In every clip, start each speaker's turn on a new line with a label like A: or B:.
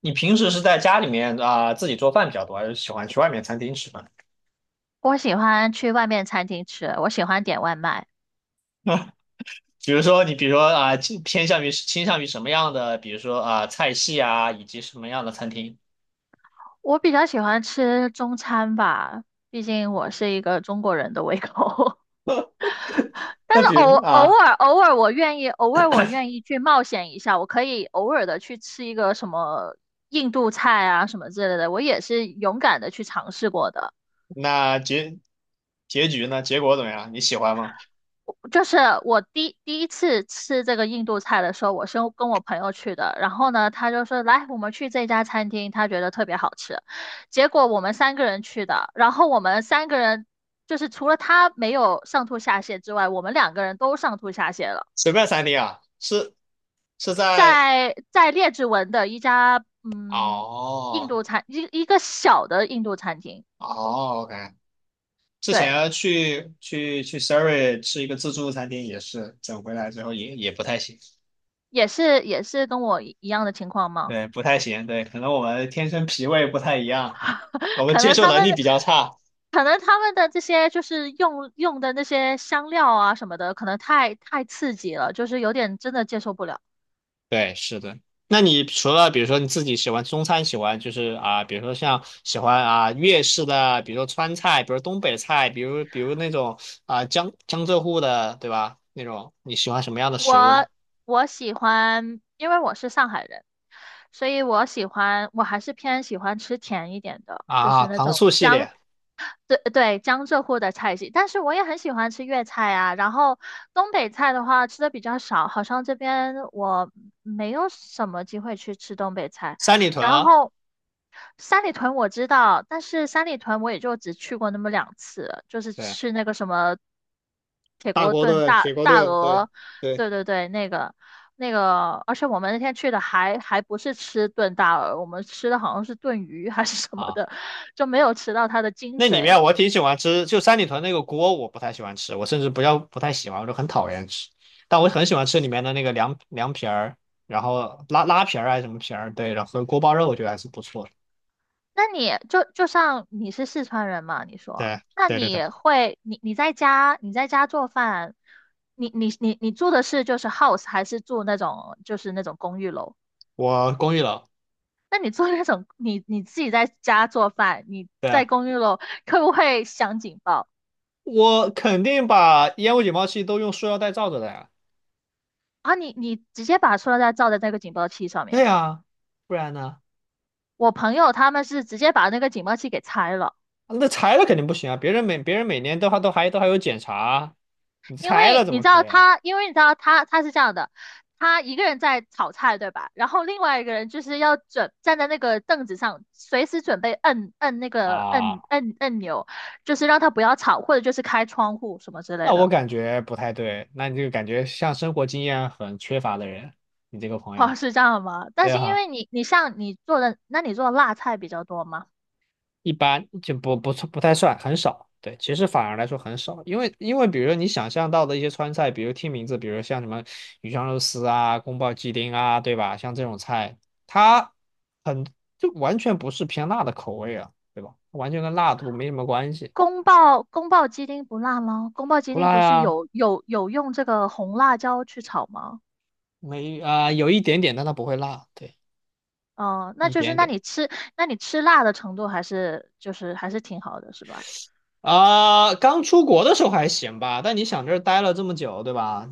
A: 你平时是在家里面啊、自己做饭比较多，还是喜欢去外面餐厅吃饭？
B: 我喜欢去外面餐厅吃，我喜欢点外卖。
A: 比如说你，比如说啊、倾向于什么样的，比如说啊、菜系啊，以及什么样的餐厅？
B: 我比较喜欢吃中餐吧，毕竟我是一个中国人的胃口。但
A: 那
B: 是
A: 比
B: 偶
A: 如
B: 偶
A: 啊，
B: 尔偶尔我愿意，偶尔我愿意去冒险一下，我可以偶尔的去吃一个什么印度菜啊什么之类的，我也是勇敢的去尝试过的。
A: 那结局呢？结果怎么样？你喜欢吗？
B: 就是我第一次吃这个印度菜的时候，我是跟我朋友去的，然后呢，他就说来，我们去这家餐厅，他觉得特别好吃。结果我们三个人去的，然后我们三个人就是除了他没有上吐下泻之外，我们两个人都上吐下泻了。
A: 随便餐厅啊，是在
B: 在列治文的一家印
A: 哦
B: 度餐一个小的印度餐厅，
A: 哦，OK。之
B: 对，
A: 前去 Siri 吃一个自助餐厅，也是整回来之后也不太行，
B: 也是跟我一样的情况吗？
A: 对，不太行，对，可能我们天生脾胃不太一样。我们
B: 可
A: 接
B: 能
A: 受
B: 他
A: 能
B: 们，
A: 力
B: 的
A: 比较差。
B: 可能他们的这些就是用的那些香料啊什么的，可能太刺激了，就是有点真的接受不了。
A: 对，是的。那你除了比如说你自己喜欢中餐，喜欢就是啊，比如说像喜欢啊粤式的，比如说川菜，比如东北菜，比如那种啊江浙沪的，对吧？那种你喜欢什么样的食物呢？
B: 我我喜欢，因为我是上海人，所以我喜欢，我还是偏喜欢吃甜一点的，就
A: 啊，
B: 是那
A: 糖
B: 种
A: 醋系
B: 江，
A: 列，
B: 对对，江浙沪的菜系。但是我也很喜欢吃粤菜啊，然后东北菜的话吃的比较少，好像这边我没有什么机会去吃东北菜，
A: 三里屯
B: 然
A: 啊，
B: 后。三里屯我知道，但是三里屯我也就只去过那么两次，就是吃
A: 对
B: 那个什么铁
A: 大
B: 锅
A: 锅
B: 炖
A: 炖、
B: 大
A: 铁锅
B: 大
A: 炖，对
B: 鹅，
A: 对。
B: 对对对，那个，而且我们那天去的还不是吃炖大鹅，我们吃的好像是炖鱼还是什么
A: 啊。
B: 的，就没有吃到它的精
A: 那里
B: 髓。
A: 面我挺喜欢吃，就三里屯那个锅我不太喜欢吃，我甚至不要不太喜欢，我就很讨厌吃。但我很喜欢吃里面的那个凉皮儿，然后拉皮儿还是什么皮儿，对，然后锅包肉我觉得还是不错的。
B: 那你就像你是四川人嘛，你说，
A: 对
B: 那
A: 对对对，
B: 你会你在家你在家做饭，你住的是就是 house 还是住那种就是那种公寓楼？
A: 我公寓楼，
B: 那你做那种，你自己在家做饭，你在
A: 对，
B: 公寓楼，会不会响警报
A: 我肯定把烟雾警报器都用塑料袋罩着的呀。
B: 啊？你直接把塑料袋罩在那个警报器上面。
A: 对呀，不然呢？
B: 我朋友他们是直接把那个警报器给拆了，
A: 啊那拆了肯定不行啊，别人每年都还有检查啊，你拆了怎么可以
B: 因为你知道他是这样的，他一个人在炒菜，对吧？然后另外一个人就是要准站在那个凳子上，随时准备摁那
A: 啊
B: 个摁
A: 啊
B: 摁按钮，就是让他不要吵，或者就是开窗户什么之类
A: 那我
B: 的。
A: 感觉不太对，那你这个感觉像生活经验很缺乏的人，你这个 朋
B: 哦，
A: 友，
B: 是这样吗？但
A: 对
B: 是因
A: 哈，
B: 为你，你像你做的，那你做的辣菜比较多吗？
A: 一般就不太算，很少。对，其实反而来说很少，因为比如说你想象到的一些川菜，比如听名字，比如像什么鱼香肉丝啊、宫保鸡丁啊，对吧？像这种菜，它很就完全不是偏辣的口味啊，对吧？完全跟辣度没什么关系，
B: 宫爆鸡丁不辣吗？宫爆鸡
A: 不
B: 丁
A: 辣
B: 不是
A: 呀，
B: 有用这个红辣椒去炒吗？
A: 没啊、有一点点，但它不会辣，对，
B: 哦，那
A: 一
B: 就是
A: 点点。
B: 那你吃辣的程度还是就是还是挺好的，是吧？
A: 啊、刚出国的时候还行吧，但你想这儿待了这么久，对吧？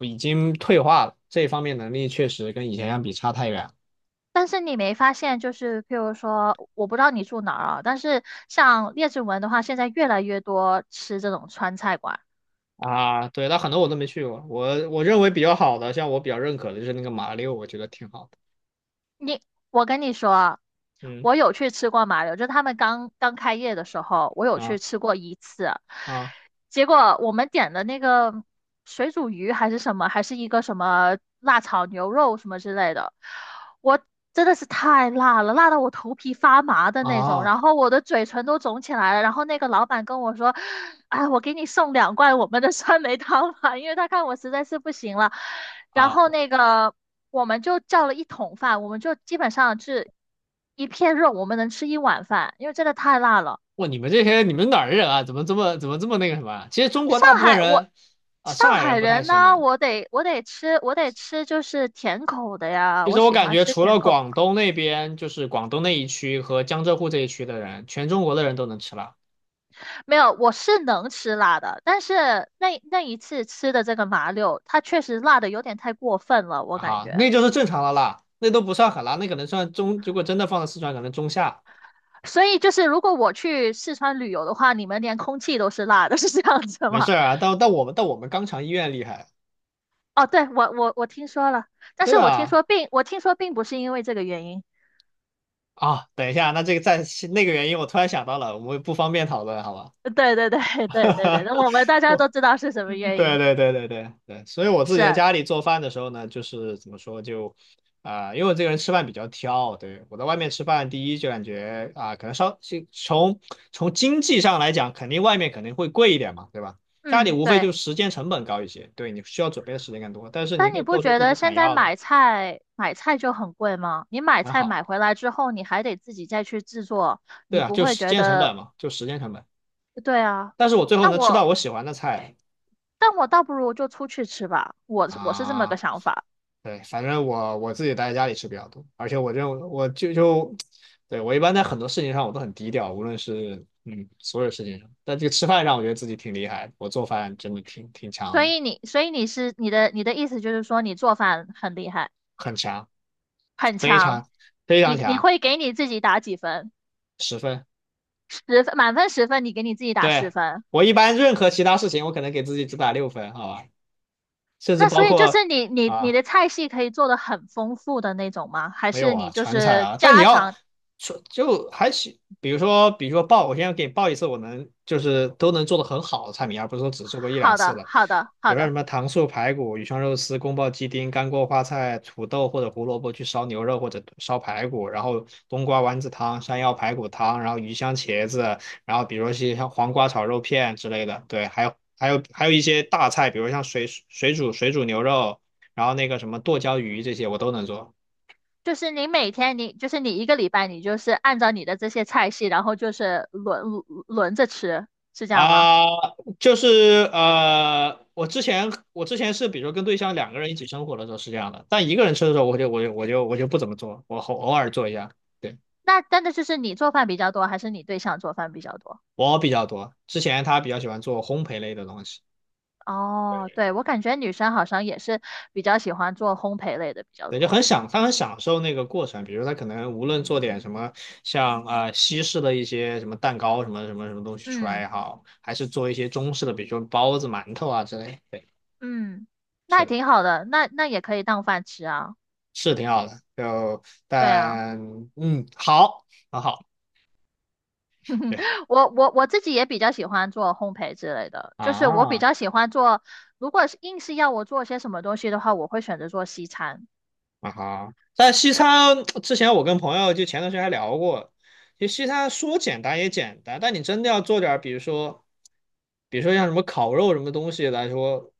A: 已经退化了，这方面能力确实跟以前相比差太远了
B: 但是你没发现，就是譬如说，我不知道你住哪儿啊，但是像列治文的话，现在越来越多吃这种川菜馆。
A: 啊。对，但很多我都没去过，我认为比较好的，像我比较认可的就是那个马六，我觉得挺好的。
B: 你，我跟你说，
A: 嗯
B: 我有去吃过麻油，就他们刚刚开业的时候，我有去
A: 啊
B: 吃过一次。
A: 啊
B: 结果我们点的那个水煮鱼还是什么，还是一个什么辣炒牛肉什么之类的，我真的是太辣了，辣到我头皮发麻的那种，
A: 啊
B: 然后我的嘴唇都肿起来了。然后那个老板跟我说：“哎，我给你送两罐我们的酸梅汤吧，因为他看我实在是不行了。”然
A: 啊！
B: 后那个我们就叫了一桶饭，我们就基本上是一片肉，我们能吃一碗饭，因为真的太辣了。
A: 哇，你们哪儿人啊？怎么这么那个什么啊？其实中国
B: 上
A: 大部分
B: 海我
A: 人啊，
B: 上
A: 上海
B: 海
A: 人不太
B: 人
A: 行
B: 呢，
A: 吧？
B: 我得吃就是甜口的呀，
A: 其
B: 我
A: 实我
B: 喜
A: 感
B: 欢
A: 觉，
B: 吃
A: 除了
B: 甜口
A: 广东那边，就是广东那一区和江浙沪这一区的人，全中国的人都能吃辣。
B: 没有，我是能吃辣的，但是那一次吃的这个麻溜，它确实辣的有点太过分了，我感
A: 啊，
B: 觉。
A: 那就是正常的啦，那都不算很啦，那可能算中，如果真的放到四川，可能中下，
B: 所以就是，如果我去四川旅游的话，你们连空气都是辣的，是这样子
A: 没
B: 吗？
A: 事儿啊。但我们肛肠医院厉害，
B: 哦，对，我听说了，但
A: 对
B: 是
A: 啊。
B: 我听说并不是因为这个原因。
A: 啊，等一下，那个原因，我突然想到了，我们不方便讨论，好吧？
B: 对对对对对对，那我们大家都
A: 我
B: 知道是什么原
A: 对
B: 因。
A: 对对对对对，所以我自己在
B: 是，
A: 家里做饭的时候呢，就是怎么说就，啊、因为我这个人吃饭比较挑，对，我在外面吃饭，第一就感觉啊、可能稍是从从经济上来讲，外面肯定会贵一点嘛，对吧？家里
B: 嗯，
A: 无非
B: 对。
A: 就时间成本高一些，对，你需要准备的时间更多，但是你
B: 但
A: 可
B: 你
A: 以
B: 不
A: 做出
B: 觉
A: 自
B: 得
A: 己想
B: 现在
A: 要的，
B: 买菜就很贵吗？你买
A: 很
B: 菜
A: 好，
B: 买回来之后，你还得自己再去制作，
A: 对
B: 你
A: 啊，
B: 不
A: 就
B: 会
A: 时
B: 觉
A: 间成
B: 得，
A: 本嘛，就时间成本，
B: 呃对啊，
A: 但是我最后
B: 那
A: 能吃到
B: 我，
A: 我喜欢的菜，
B: 但我倒不如就出去吃吧，我是这么个
A: 啊。
B: 想法。
A: 对，反正我自己待在家里吃比较多，而且我认为我就，对，我一般在很多事情上我都很低调，无论是所有事情上，但这个吃饭上我觉得自己挺厉害的，我做饭真的挺强
B: 所
A: 的，
B: 以你，所以你是你的意思就是说你做饭很厉害，
A: 很强，非常非
B: 你
A: 常
B: 你
A: 强，
B: 会给你自己打几分？
A: 10分。
B: 十分，满分十分，你给你自己打十
A: 对，
B: 分。
A: 我一般任何其他事情我可能给自己只打6分，好吧，甚至
B: 那所
A: 包
B: 以就
A: 括
B: 是你你你
A: 啊
B: 的菜系可以做的很丰富的那种吗？还
A: 没
B: 是
A: 有啊，
B: 你就
A: 川菜
B: 是
A: 啊，但你
B: 家
A: 要
B: 常
A: 说就还行，比如说报，我现在给你报一次，就是都能做的很好的菜品，而不是说只做过一两
B: 好
A: 次
B: 的，
A: 的。
B: 好的，
A: 比
B: 好
A: 如说什
B: 的，
A: 么糖醋排骨、鱼香肉丝、宫保鸡丁、干锅花菜、土豆或者胡萝卜去烧牛肉或者烧排骨，然后冬瓜丸子汤、山药排骨汤，然后鱼香茄子，然后比如说些像黄瓜炒肉片之类的，对，还有一些大菜，比如像水煮牛肉，然后那个什么剁椒鱼这些我都能做。
B: 就是你每天你就是你一个礼拜你就是按照你的这些菜系，然后就是轮着吃，是这样吗？
A: 啊、就是我之前是，比如说跟对象两个人一起生活的时候是这样的，但一个人吃的时候我就不怎么做，我偶尔做一下，对，
B: 那真的就是你做饭比较多，还是你对象做饭比较多？
A: 我比较多。之前他比较喜欢做烘焙类的东西，
B: 哦，对，我感觉女生好像也是比较喜欢做烘焙类的比较
A: 对，就很
B: 多。
A: 享他很享受那个过程，比如他可能无论做点什么，像西式的一些什么蛋糕什么什么什么东西出来
B: 嗯
A: 也好，还是做一些中式的，比如说包子、馒头啊之类，对，
B: 嗯，那
A: 是
B: 也
A: 的，
B: 挺好的，那那也可以当饭吃啊。
A: 是挺好的，就
B: 对啊。
A: 但好很好。对，
B: 我自己也比较喜欢做烘焙之类的，就是我比
A: 啊
B: 较喜欢做，如果是硬是要我做些什么东西的话，我会选择做西餐。
A: 啊哈！但西餐之前我跟朋友就前段时间还聊过，就西餐说简单也简单，但你真的要做点儿，比如说，比如说像什么烤肉什么东西来说，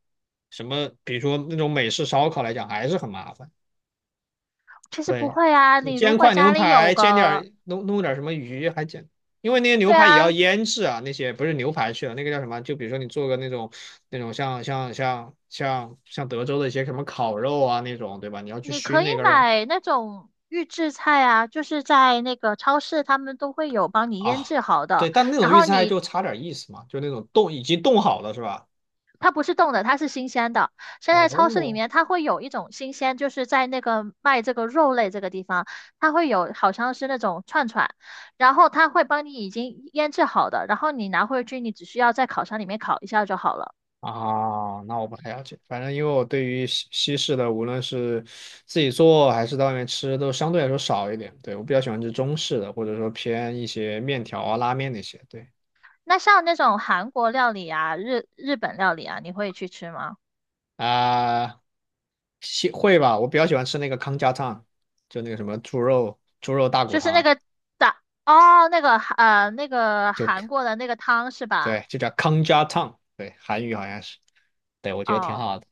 A: 什么比如说那种美式烧烤来讲，还是很麻烦。
B: 其实不
A: 对，
B: 会啊，
A: 你
B: 你如
A: 煎
B: 果
A: 块
B: 家
A: 牛
B: 里有
A: 排，煎点
B: 个，
A: 儿弄点儿什么鱼还简，因为那些牛
B: 对
A: 排也
B: 啊，
A: 要腌制啊，那些不是牛排去了，那个叫什么？就比如说你做个那种像德州的一些什么烤肉啊那种，对吧？你要去
B: 你可
A: 熏
B: 以
A: 那个肉。
B: 买那种预制菜啊，就是在那个超市他们都会有帮你腌
A: 啊，
B: 制好
A: 对，
B: 的，
A: 但那
B: 然
A: 种预制
B: 后
A: 菜
B: 你
A: 就差点意思嘛，就那种冻已经冻好了是吧？
B: 它不是冻的，它是新鲜的。现在超市里
A: 哦，
B: 面它会有一种新鲜，就是在那个卖这个肉类这个地方，它会有好像是那种串串，然后它会帮你已经腌制好的，然后你拿回去，你只需要在烤箱里面烤一下就好了。
A: 啊，那我不太了解，反正因为我对于西式的，无论是自己做还是在外面吃，都相对来说少一点。对，我比较喜欢吃中式的，或者说偏一些面条啊、拉面那些。对
B: 那像那种韩国料理啊、日本料理啊，你会去吃吗？
A: 啊，会吧，我比较喜欢吃那个康家汤，就那个什么猪肉大骨
B: 就是那
A: 汤，
B: 个打哦，那个那个
A: 就
B: 韩国的那个汤是吧？
A: 对，就叫康家汤，对，韩语好像是，对，我觉得挺
B: 哦，
A: 好的。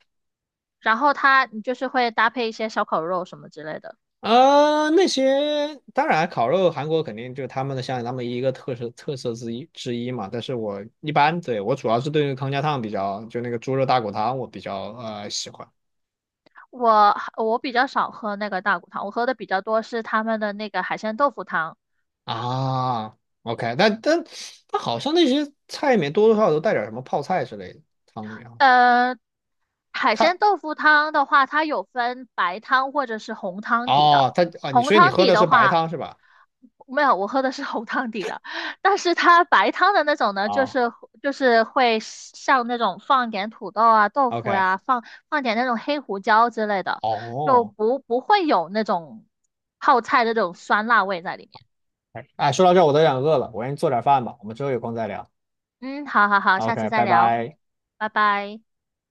B: 然后它你就是会搭配一些烧烤肉什么之类的。
A: 呃，那些当然烤肉，韩国肯定就是他们的像他们一个特色之一嘛。但是我一般对我主要是对那个康家汤比较，就那个猪肉大骨汤我比较喜欢
B: 我比较少喝那个大骨汤，我喝的比较多是他们的那个海鲜豆腐汤。
A: 啊。OK，但好像那些菜里面多多少少都带点什么泡菜之类的，汤里面好像
B: 呃，海
A: 它
B: 鲜豆腐汤的话，它有分白汤或者是红汤底的。
A: 哦它啊你
B: 红
A: 所以你
B: 汤
A: 喝
B: 底
A: 的
B: 的
A: 是白
B: 话，
A: 汤是吧？
B: 没有，我喝的是红汤底的。但是它白汤的那种呢，就
A: 啊
B: 是就是会像那种放点土豆啊、豆腐
A: ，OK，
B: 呀、放点那种黑胡椒之类的，就
A: 哦，
B: 不会有那种泡菜的这种酸辣味在里面。
A: 哎，哎说到这儿我都有点饿了，我先做点饭吧，我们之后有空再聊。
B: 嗯，好好好，下次
A: OK，
B: 再
A: 拜
B: 聊，
A: 拜。
B: 拜拜。